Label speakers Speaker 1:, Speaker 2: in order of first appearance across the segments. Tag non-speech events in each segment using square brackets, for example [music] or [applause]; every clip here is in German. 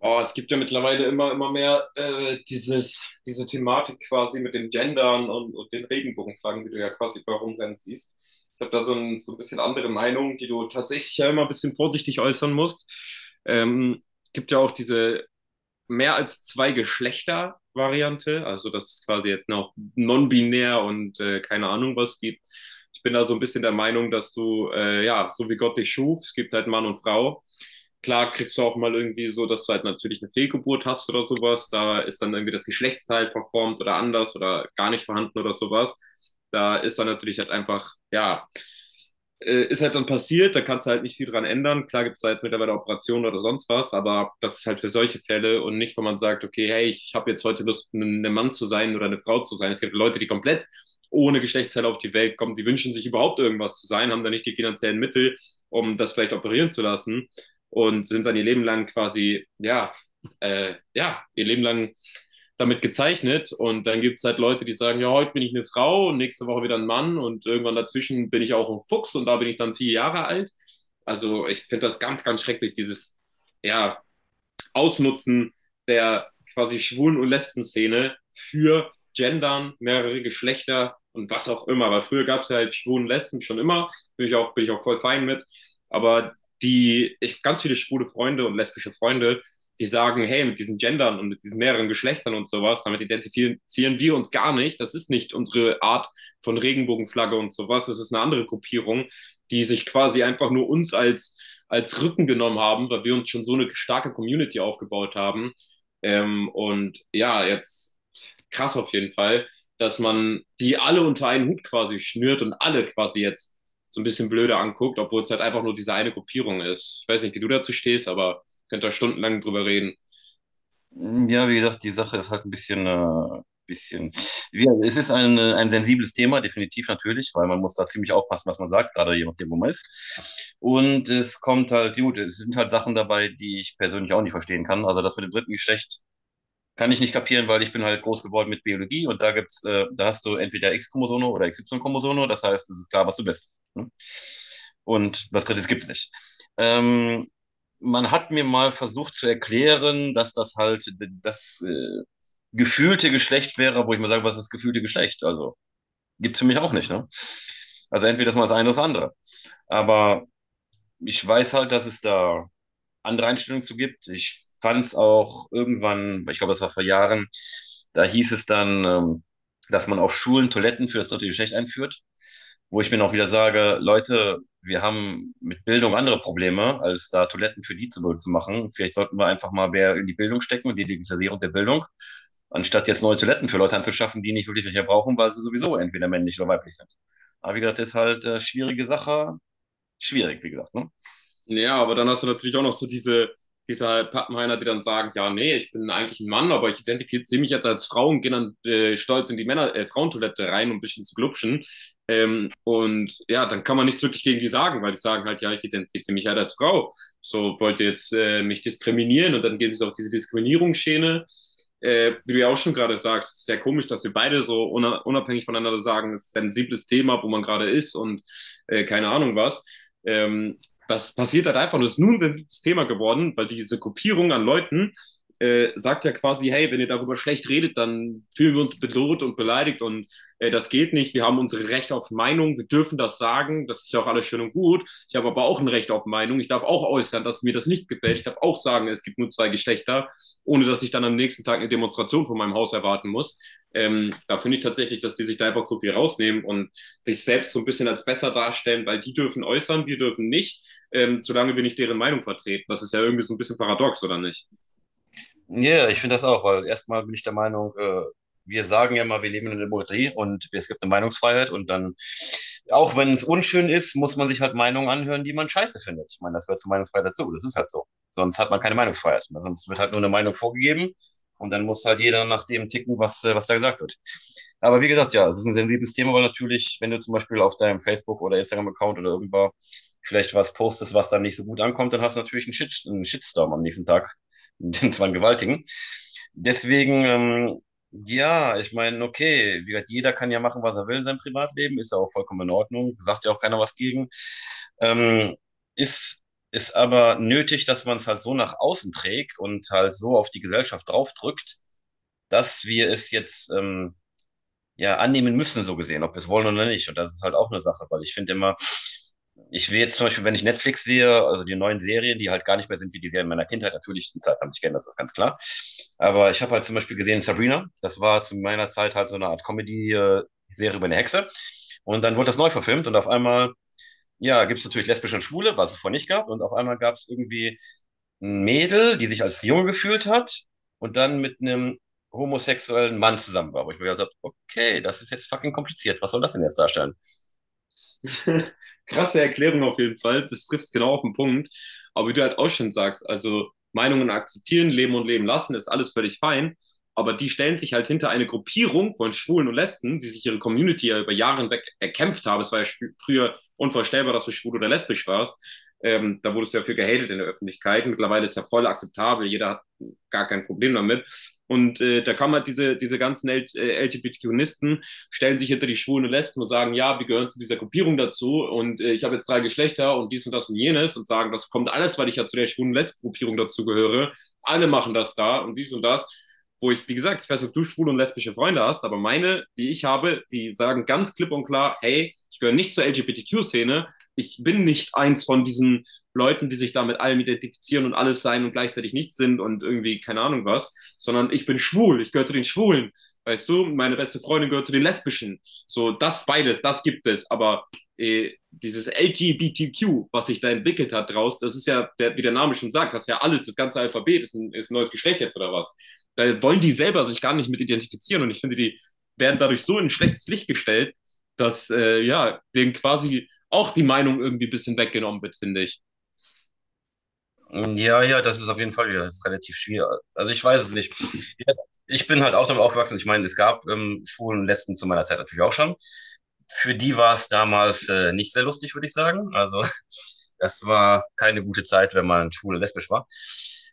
Speaker 1: Oh, es gibt ja mittlerweile immer mehr diese Thematik quasi mit dem Gendern und den Regenbogenflaggen, die du ja quasi bei rumrennen siehst. Ich habe da so ein bisschen andere Meinung, die du tatsächlich ja immer ein bisschen vorsichtig äußern musst. Ähm, Gibt ja auch diese mehr als zwei Geschlechter-Variante, also dass es quasi jetzt noch non-binär und keine Ahnung was gibt. Ich bin da so ein bisschen der Meinung, dass du, ja, so wie Gott dich schuf, es gibt halt Mann und Frau. Klar kriegst du auch mal irgendwie so, dass du halt natürlich eine Fehlgeburt hast oder sowas. Da ist dann irgendwie das Geschlechtsteil verformt oder anders oder gar nicht vorhanden oder sowas. Da ist dann natürlich halt einfach, ja, ist halt dann passiert, da kannst du halt nicht viel dran ändern. Klar gibt es halt mittlerweile Operationen oder sonst was, aber das ist halt für solche Fälle und nicht, wo man sagt, okay, hey, ich habe jetzt heute Lust, ein Mann zu sein oder eine Frau zu sein. Es gibt Leute, die komplett ohne Geschlechtsteile auf die Welt kommen, die wünschen sich überhaupt irgendwas zu sein, haben dann nicht die finanziellen Mittel, um das vielleicht operieren zu lassen und sind dann ihr Leben lang quasi, ja, ja, ihr Leben lang damit gezeichnet. Und dann gibt es halt Leute, die sagen, ja, heute bin ich eine Frau und nächste Woche wieder ein Mann und irgendwann dazwischen bin ich auch ein Fuchs und da bin ich dann vier Jahre alt. Also ich finde das ganz, ganz schrecklich, dieses, ja, Ausnutzen der quasi Schwulen- und Lesben-Szene für Gendern, mehrere Geschlechter und was auch immer. Weil früher gab es halt Schwulen und Lesben schon immer, bin ich auch voll fein mit. Aber die, ich ganz viele schwule Freunde und lesbische Freunde, die sagen, hey, mit diesen Gendern und mit diesen mehreren Geschlechtern und sowas, damit identifizieren wir uns gar nicht. Das ist nicht unsere Art von Regenbogenflagge und sowas. Das ist eine andere Gruppierung, die sich quasi einfach nur uns als Rücken genommen haben, weil wir uns schon so eine starke Community aufgebaut haben. Und ja, jetzt krass auf jeden Fall, dass man die alle unter einen Hut quasi schnürt und alle quasi jetzt so ein bisschen blöder anguckt, obwohl es halt einfach nur diese eine Gruppierung ist. Ich weiß nicht, wie du dazu stehst, aber könnt da stundenlang drüber reden.
Speaker 2: Hm, ja, wie gesagt, die Sache ist halt ein bisschen, bisschen. Wie, es ist ein sensibles Thema, definitiv natürlich, weil man muss da ziemlich aufpassen, was man sagt, gerade je nachdem, wo man ist. Und es kommt halt, gut, es sind halt Sachen dabei, die ich persönlich auch nicht verstehen kann. Also das mit dem dritten Geschlecht kann ich nicht kapieren, weil ich bin halt groß geworden mit Biologie und da gibt's, da hast du entweder X-Chromosome oder y chromosome, das heißt, es ist klar, was du bist. Ne? Und was Drittes gibt's nicht. Ähm, Man hat mir mal versucht zu erklären, dass das halt das gefühlte Geschlecht wäre, wo ich mal sage, was ist das gefühlte Geschlecht? Also gibt's für mich auch nicht. Ne? Also entweder das mal das eine oder das andere. Aber ich weiß halt, dass es da andere Einstellung zu gibt. Ich fand es auch irgendwann, ich glaube, das war vor Jahren, da hieß es dann, dass man auf Schulen Toiletten für das dritte Geschlecht einführt, wo ich mir auch wieder sage, Leute, wir haben mit Bildung andere Probleme, als da Toiletten für die zu machen. Vielleicht sollten wir einfach mal mehr in die Bildung stecken und die Digitalisierung der Bildung, anstatt jetzt neue Toiletten für Leute anzuschaffen, die nicht wirklich welche brauchen, weil sie sowieso entweder männlich oder weiblich sind. Aber wie gesagt, das ist halt schwierige Sache. Schwierig, wie gesagt. Ne?
Speaker 1: Ja, aber dann hast du natürlich auch noch so diese halt Pappenheimer, die dann sagen, ja, nee, ich bin eigentlich ein Mann, aber ich identifiziere mich jetzt als Frau und gehe dann stolz in die Frauentoilette rein, um ein bisschen zu glupschen. Und ja, dann kann man nichts wirklich gegen die sagen, weil die sagen halt, ja, ich identifiziere mich halt als Frau. So, wollt ihr jetzt mich diskriminieren? Und dann geht es auf diese Diskriminierungsschiene. Wie du ja auch schon gerade sagst, es ist sehr komisch, dass wir beide so unabhängig voneinander sagen, es ist ein sensibles Thema, wo man gerade ist und keine Ahnung was. Ähm, Was passiert halt einfach. Und es ist nun ein sensibles Thema geworden, weil diese Gruppierung an Leuten sagt ja quasi, hey, wenn ihr darüber schlecht redet, dann fühlen wir uns bedroht und beleidigt und das geht nicht. Wir haben unsere Rechte auf Meinung, wir dürfen das sagen, das ist ja auch alles schön und gut. Ich habe aber auch ein Recht auf Meinung. Ich darf auch äußern, dass mir das nicht gefällt. Ich darf auch sagen, es gibt nur zwei Geschlechter, ohne dass ich dann am nächsten Tag eine Demonstration von meinem Haus erwarten muss. Da finde ich tatsächlich, dass die sich da einfach zu viel rausnehmen und sich selbst so ein bisschen als besser darstellen, weil die dürfen äußern, wir dürfen nicht solange wir nicht deren Meinung vertreten. Das ist ja irgendwie so ein bisschen paradox, oder nicht?
Speaker 2: Ja, ich finde das auch, weil erstmal bin ich der Meinung, wir sagen ja immer, wir leben in einer Demokratie und es gibt eine Meinungsfreiheit, und dann, auch wenn es unschön ist, muss man sich halt Meinungen anhören, die man scheiße findet. Ich meine, das gehört zur Meinungsfreiheit dazu, das ist halt so. Sonst hat man keine Meinungsfreiheit. Also sonst wird halt nur eine Meinung vorgegeben und dann muss halt jeder nach dem ticken, was da gesagt wird. Aber wie gesagt, ja, es ist ein sensibles Thema, weil natürlich, wenn du zum Beispiel auf deinem Facebook- oder Instagram-Account oder irgendwo vielleicht was postest, was dann nicht so gut ankommt, dann hast du natürlich einen, Shit, einen Shitstorm am nächsten Tag, den zwar gewaltigen. Deswegen, ja, ich meine, okay, wie gesagt, jeder kann ja machen, was er will in seinem Privatleben, ist ja auch vollkommen in Ordnung, sagt ja auch keiner was gegen. Ähm, ist, ist aber nötig, dass man es halt so nach außen trägt und halt so auf die Gesellschaft draufdrückt, dass wir es jetzt ja annehmen müssen, so gesehen, ob wir es wollen oder nicht. Und das ist halt auch eine Sache, weil ich finde immer, ich will jetzt zum Beispiel, wenn ich Netflix sehe, also die neuen Serien, die halt gar nicht mehr sind wie die Serien meiner Kindheit, natürlich, die Zeiten haben sich geändert, das ist ganz klar. Aber ich habe halt zum Beispiel gesehen Sabrina, das war zu meiner Zeit halt so eine Art Comedy-Serie über eine Hexe. Und dann wurde das neu verfilmt und auf einmal, ja, gibt es natürlich lesbische und Schwule, was es vorher nicht gab. Und auf einmal gab es irgendwie ein Mädel, die sich als Junge gefühlt hat und dann mit einem homosexuellen Mann zusammen war. Wo ich mir gedacht habe, okay, das ist jetzt fucking kompliziert. Was soll das denn jetzt darstellen?
Speaker 1: [laughs] Krasse Erklärung auf jeden Fall. Das trifft es genau auf den Punkt. Aber wie du halt auch schon sagst, also Meinungen akzeptieren, leben und leben lassen, ist alles völlig fein. Aber die stellen sich halt hinter eine Gruppierung von Schwulen und Lesben, die sich ihre Community ja über Jahre hinweg erkämpft haben. Es war ja früher unvorstellbar, dass du schwul oder lesbisch warst. Da wurde es ja für gehatet in der Öffentlichkeit. Mittlerweile ist ja voll akzeptabel. Jeder hat gar kein Problem damit. Und da kann man halt diese ganzen LGBTQisten stellen sich hinter die schwulen und Lesben und sagen, ja, wir gehören zu dieser Gruppierung dazu und ich habe jetzt drei Geschlechter und dies und das und jenes und sagen, das kommt alles, weil ich ja zu der schwulen und Lesben-Gruppierung dazugehöre. Alle machen das da und dies und das. Wo ich, wie gesagt, ich weiß nicht, ob du schwule und lesbische Freunde hast, aber meine, die ich habe, die sagen ganz klipp und klar, hey, ich gehöre nicht zur LGBTQ-Szene, ich bin nicht eins von diesen Leuten, die sich da mit allem identifizieren und alles sein und gleichzeitig nichts sind und irgendwie keine Ahnung was, sondern ich bin schwul, ich gehöre zu den Schwulen. Weißt du, meine beste Freundin gehört zu den Lesbischen. So, das beides, das gibt es. Aber dieses LGBTQ, was sich da entwickelt hat draus, das ist ja, der, wie der Name schon sagt, das ist ja alles, das ganze Alphabet ist ist ein neues Geschlecht jetzt oder was. Da wollen die selber sich gar nicht mit identifizieren und ich finde, die werden dadurch so in ein schlechtes Licht gestellt, dass ja, denen quasi auch die Meinung irgendwie ein bisschen weggenommen wird, finde ich.
Speaker 2: Ja, ja, das ist auf jeden Fall, ja, das ist relativ schwierig. Also ich weiß es nicht. Ja, ich bin halt auch damit aufgewachsen. Ich meine, es gab Schwulen und Lesben zu meiner Zeit natürlich auch schon. Für die war es damals nicht sehr lustig, würde ich sagen. Also [laughs] das war keine gute Zeit, wenn man schwul und lesbisch war.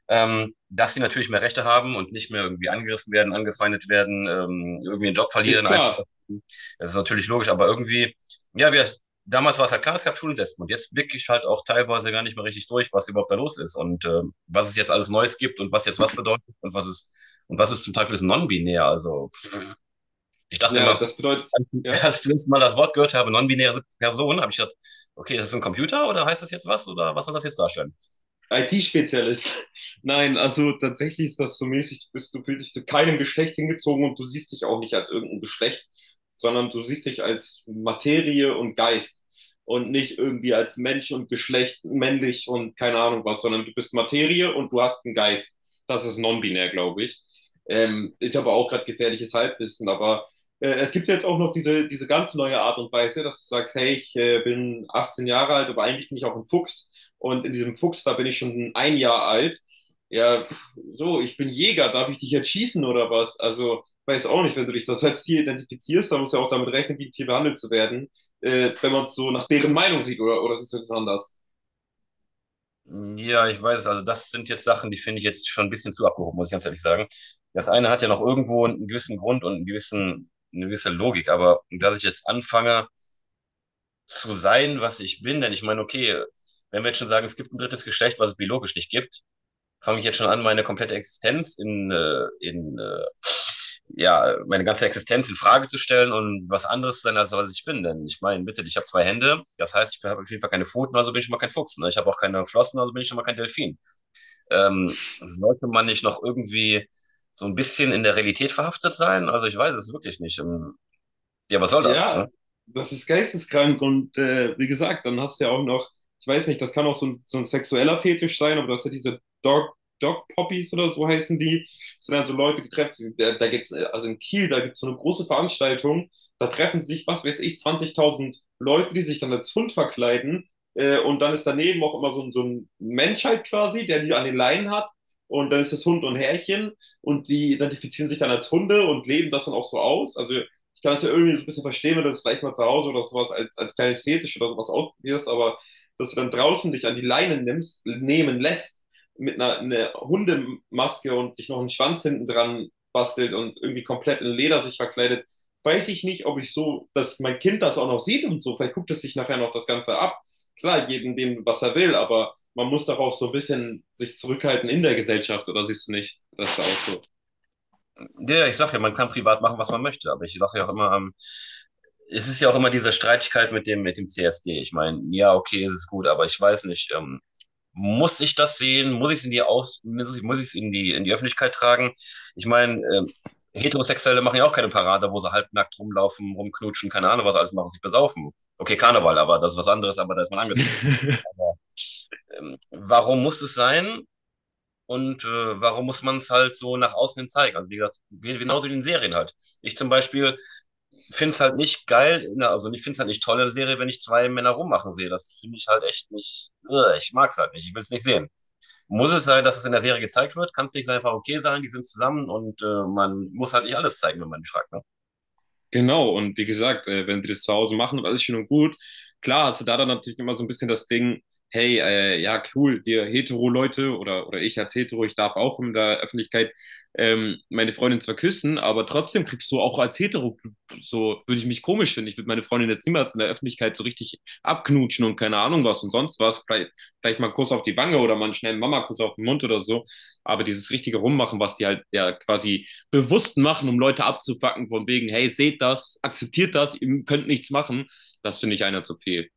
Speaker 2: Dass sie natürlich mehr Rechte haben und nicht mehr irgendwie angegriffen werden, angefeindet werden, irgendwie einen Job
Speaker 1: Ist
Speaker 2: verlieren, einfach.
Speaker 1: klar.
Speaker 2: Das ist natürlich logisch, aber irgendwie, ja, wir, damals war es halt klar, es gab Schultesten und jetzt blicke ich halt auch teilweise gar nicht mehr richtig durch, was überhaupt da los ist und was es jetzt alles Neues gibt und was jetzt was bedeutet und was ist zum Teil für das Non-Binär. Also ich dachte
Speaker 1: Ja,
Speaker 2: immer,
Speaker 1: das bedeutet,
Speaker 2: als
Speaker 1: ja.
Speaker 2: ich [laughs] zuerst mal das Wort gehört habe, non-binäre Person, habe ich gedacht, okay, ist das ein Computer oder heißt das jetzt was oder was soll das jetzt darstellen?
Speaker 1: IT-Spezialist. [laughs] Nein, also tatsächlich ist das so mäßig, du bist, du fühlst dich zu keinem Geschlecht hingezogen und du siehst dich auch nicht als irgendein Geschlecht, sondern du siehst dich als Materie und Geist und nicht irgendwie als Mensch und Geschlecht, männlich und keine Ahnung was, sondern du bist Materie und du hast einen Geist. Das ist non-binär, glaube ich. Ist aber auch gerade gefährliches Halbwissen, aber es gibt ja jetzt auch noch diese ganz neue Art und Weise, dass du sagst, hey, ich bin 18 Jahre alt, aber eigentlich bin ich auch ein Fuchs. Und in diesem Fuchs, da bin ich schon ein Jahr alt. Ja, pff, so, ich bin Jäger, darf ich dich jetzt schießen oder was? Also, weiß auch nicht, wenn du dich das als Tier identifizierst, dann musst du ja auch damit rechnen, wie ein Tier behandelt zu werden, wenn man es so nach deren Meinung sieht oder siehst du das anders?
Speaker 2: Ja, ich weiß, also das sind jetzt Sachen, die finde ich jetzt schon ein bisschen zu abgehoben, muss ich ganz ehrlich sagen. Das eine hat ja noch irgendwo einen gewissen Grund und einen gewissen, eine gewisse Logik, aber dass ich jetzt anfange, zu sein, was ich bin. Denn ich meine, okay, wenn wir jetzt schon sagen, es gibt ein drittes Geschlecht, was es biologisch nicht gibt, fange ich jetzt schon an, meine komplette Existenz in ja, meine ganze Existenz in Frage zu stellen und was anderes sein, als was ich bin. Denn ich meine, bitte, ich habe zwei Hände, das heißt, ich habe auf jeden Fall keine Pfoten, also bin ich schon mal kein Fuchs. Ne? Ich habe auch keine Flossen, also bin ich schon mal kein Delfin. Sollte man nicht noch irgendwie so ein bisschen in der Realität verhaftet sein? Also ich weiß es wirklich nicht. Ja, was soll das?
Speaker 1: Ja,
Speaker 2: Ne?
Speaker 1: das ist geisteskrank und wie gesagt, dann hast du ja auch noch, ich weiß nicht, das kann auch so ein sexueller Fetisch sein, aber du hast ja diese Dog Poppies oder so heißen die. Das sind halt so Leute getrefft, da gibt's, also in Kiel, da gibt's so eine große Veranstaltung, da treffen sich, was weiß ich, 20.000 Leute, die sich dann als Hund verkleiden und dann ist daneben auch immer so, so ein Mensch halt quasi, der die an den Leinen hat und dann ist das Hund und Herrchen und die identifizieren sich dann als Hunde und leben das dann auch so aus, also ich kann das ja irgendwie so ein bisschen verstehen, wenn du das vielleicht mal zu Hause oder sowas als kleines Fetisch oder sowas ausprobierst, aber dass du dann draußen dich an die Leine nimmst, nehmen lässt, mit einer Hundemaske und sich noch einen Schwanz hinten dran bastelt und irgendwie komplett in Leder sich verkleidet, weiß ich nicht, ob ich so, dass mein Kind das auch noch sieht und so. Vielleicht guckt es sich nachher noch das Ganze ab. Klar, jedem dem, was er will, aber man muss doch auch so ein bisschen sich zurückhalten in der Gesellschaft, oder siehst du nicht, dass da auch so.
Speaker 2: Ja, ja, ich sag ja, man kann privat machen, was man möchte, aber ich sage ja auch immer, es ist ja auch immer diese Streitigkeit mit dem CSD. Ich meine, ja, okay, es ist gut, aber ich weiß nicht, muss ich das sehen? Muss ich es in die Aus muss ich es in die Öffentlichkeit tragen? Ich meine, Heterosexuelle machen ja auch keine Parade, wo sie halbnackt rumlaufen, rumknutschen, keine Ahnung, was sie alles machen, sich besaufen. Okay, Karneval, aber das ist was anderes, aber da ist man angezogen.
Speaker 1: [laughs]
Speaker 2: Aber, warum muss es sein? Und warum muss man es halt so nach außen hin zeigen? Also wie gesagt, genauso wie in Serien halt. Ich zum Beispiel finde es halt nicht geil, ne, also ich finde es halt nicht toll in der Serie, wenn ich zwei Männer rummachen sehe. Das finde ich halt echt nicht, ich mag es halt nicht, ich will es nicht sehen. Muss es sein, dass es in der Serie gezeigt wird? Kann es nicht einfach okay sein, die sind zusammen und man muss halt nicht alles zeigen, wenn man fragt, ne?
Speaker 1: Genau, und wie gesagt, wenn die das zu Hause machen und alles schön und gut, klar hast du da dann natürlich immer so ein bisschen das Ding, hey, ja, cool, wir Hetero-Leute oder ich als Hetero, ich darf auch in der Öffentlichkeit meine Freundin zwar küssen, aber trotzdem kriegst du auch als Hetero, so würde ich mich komisch finden, ich würde meine Freundin jetzt niemals in der Öffentlichkeit so richtig abknutschen und keine Ahnung was und sonst was, vielleicht mal einen Kuss auf die Wange oder mal einen schnellen Mama-Kuss auf den Mund oder so, aber dieses richtige Rummachen, was die halt ja quasi bewusst machen, um Leute abzupacken, von wegen, hey, seht das, akzeptiert das, ihr könnt nichts machen, das finde ich einer zu viel.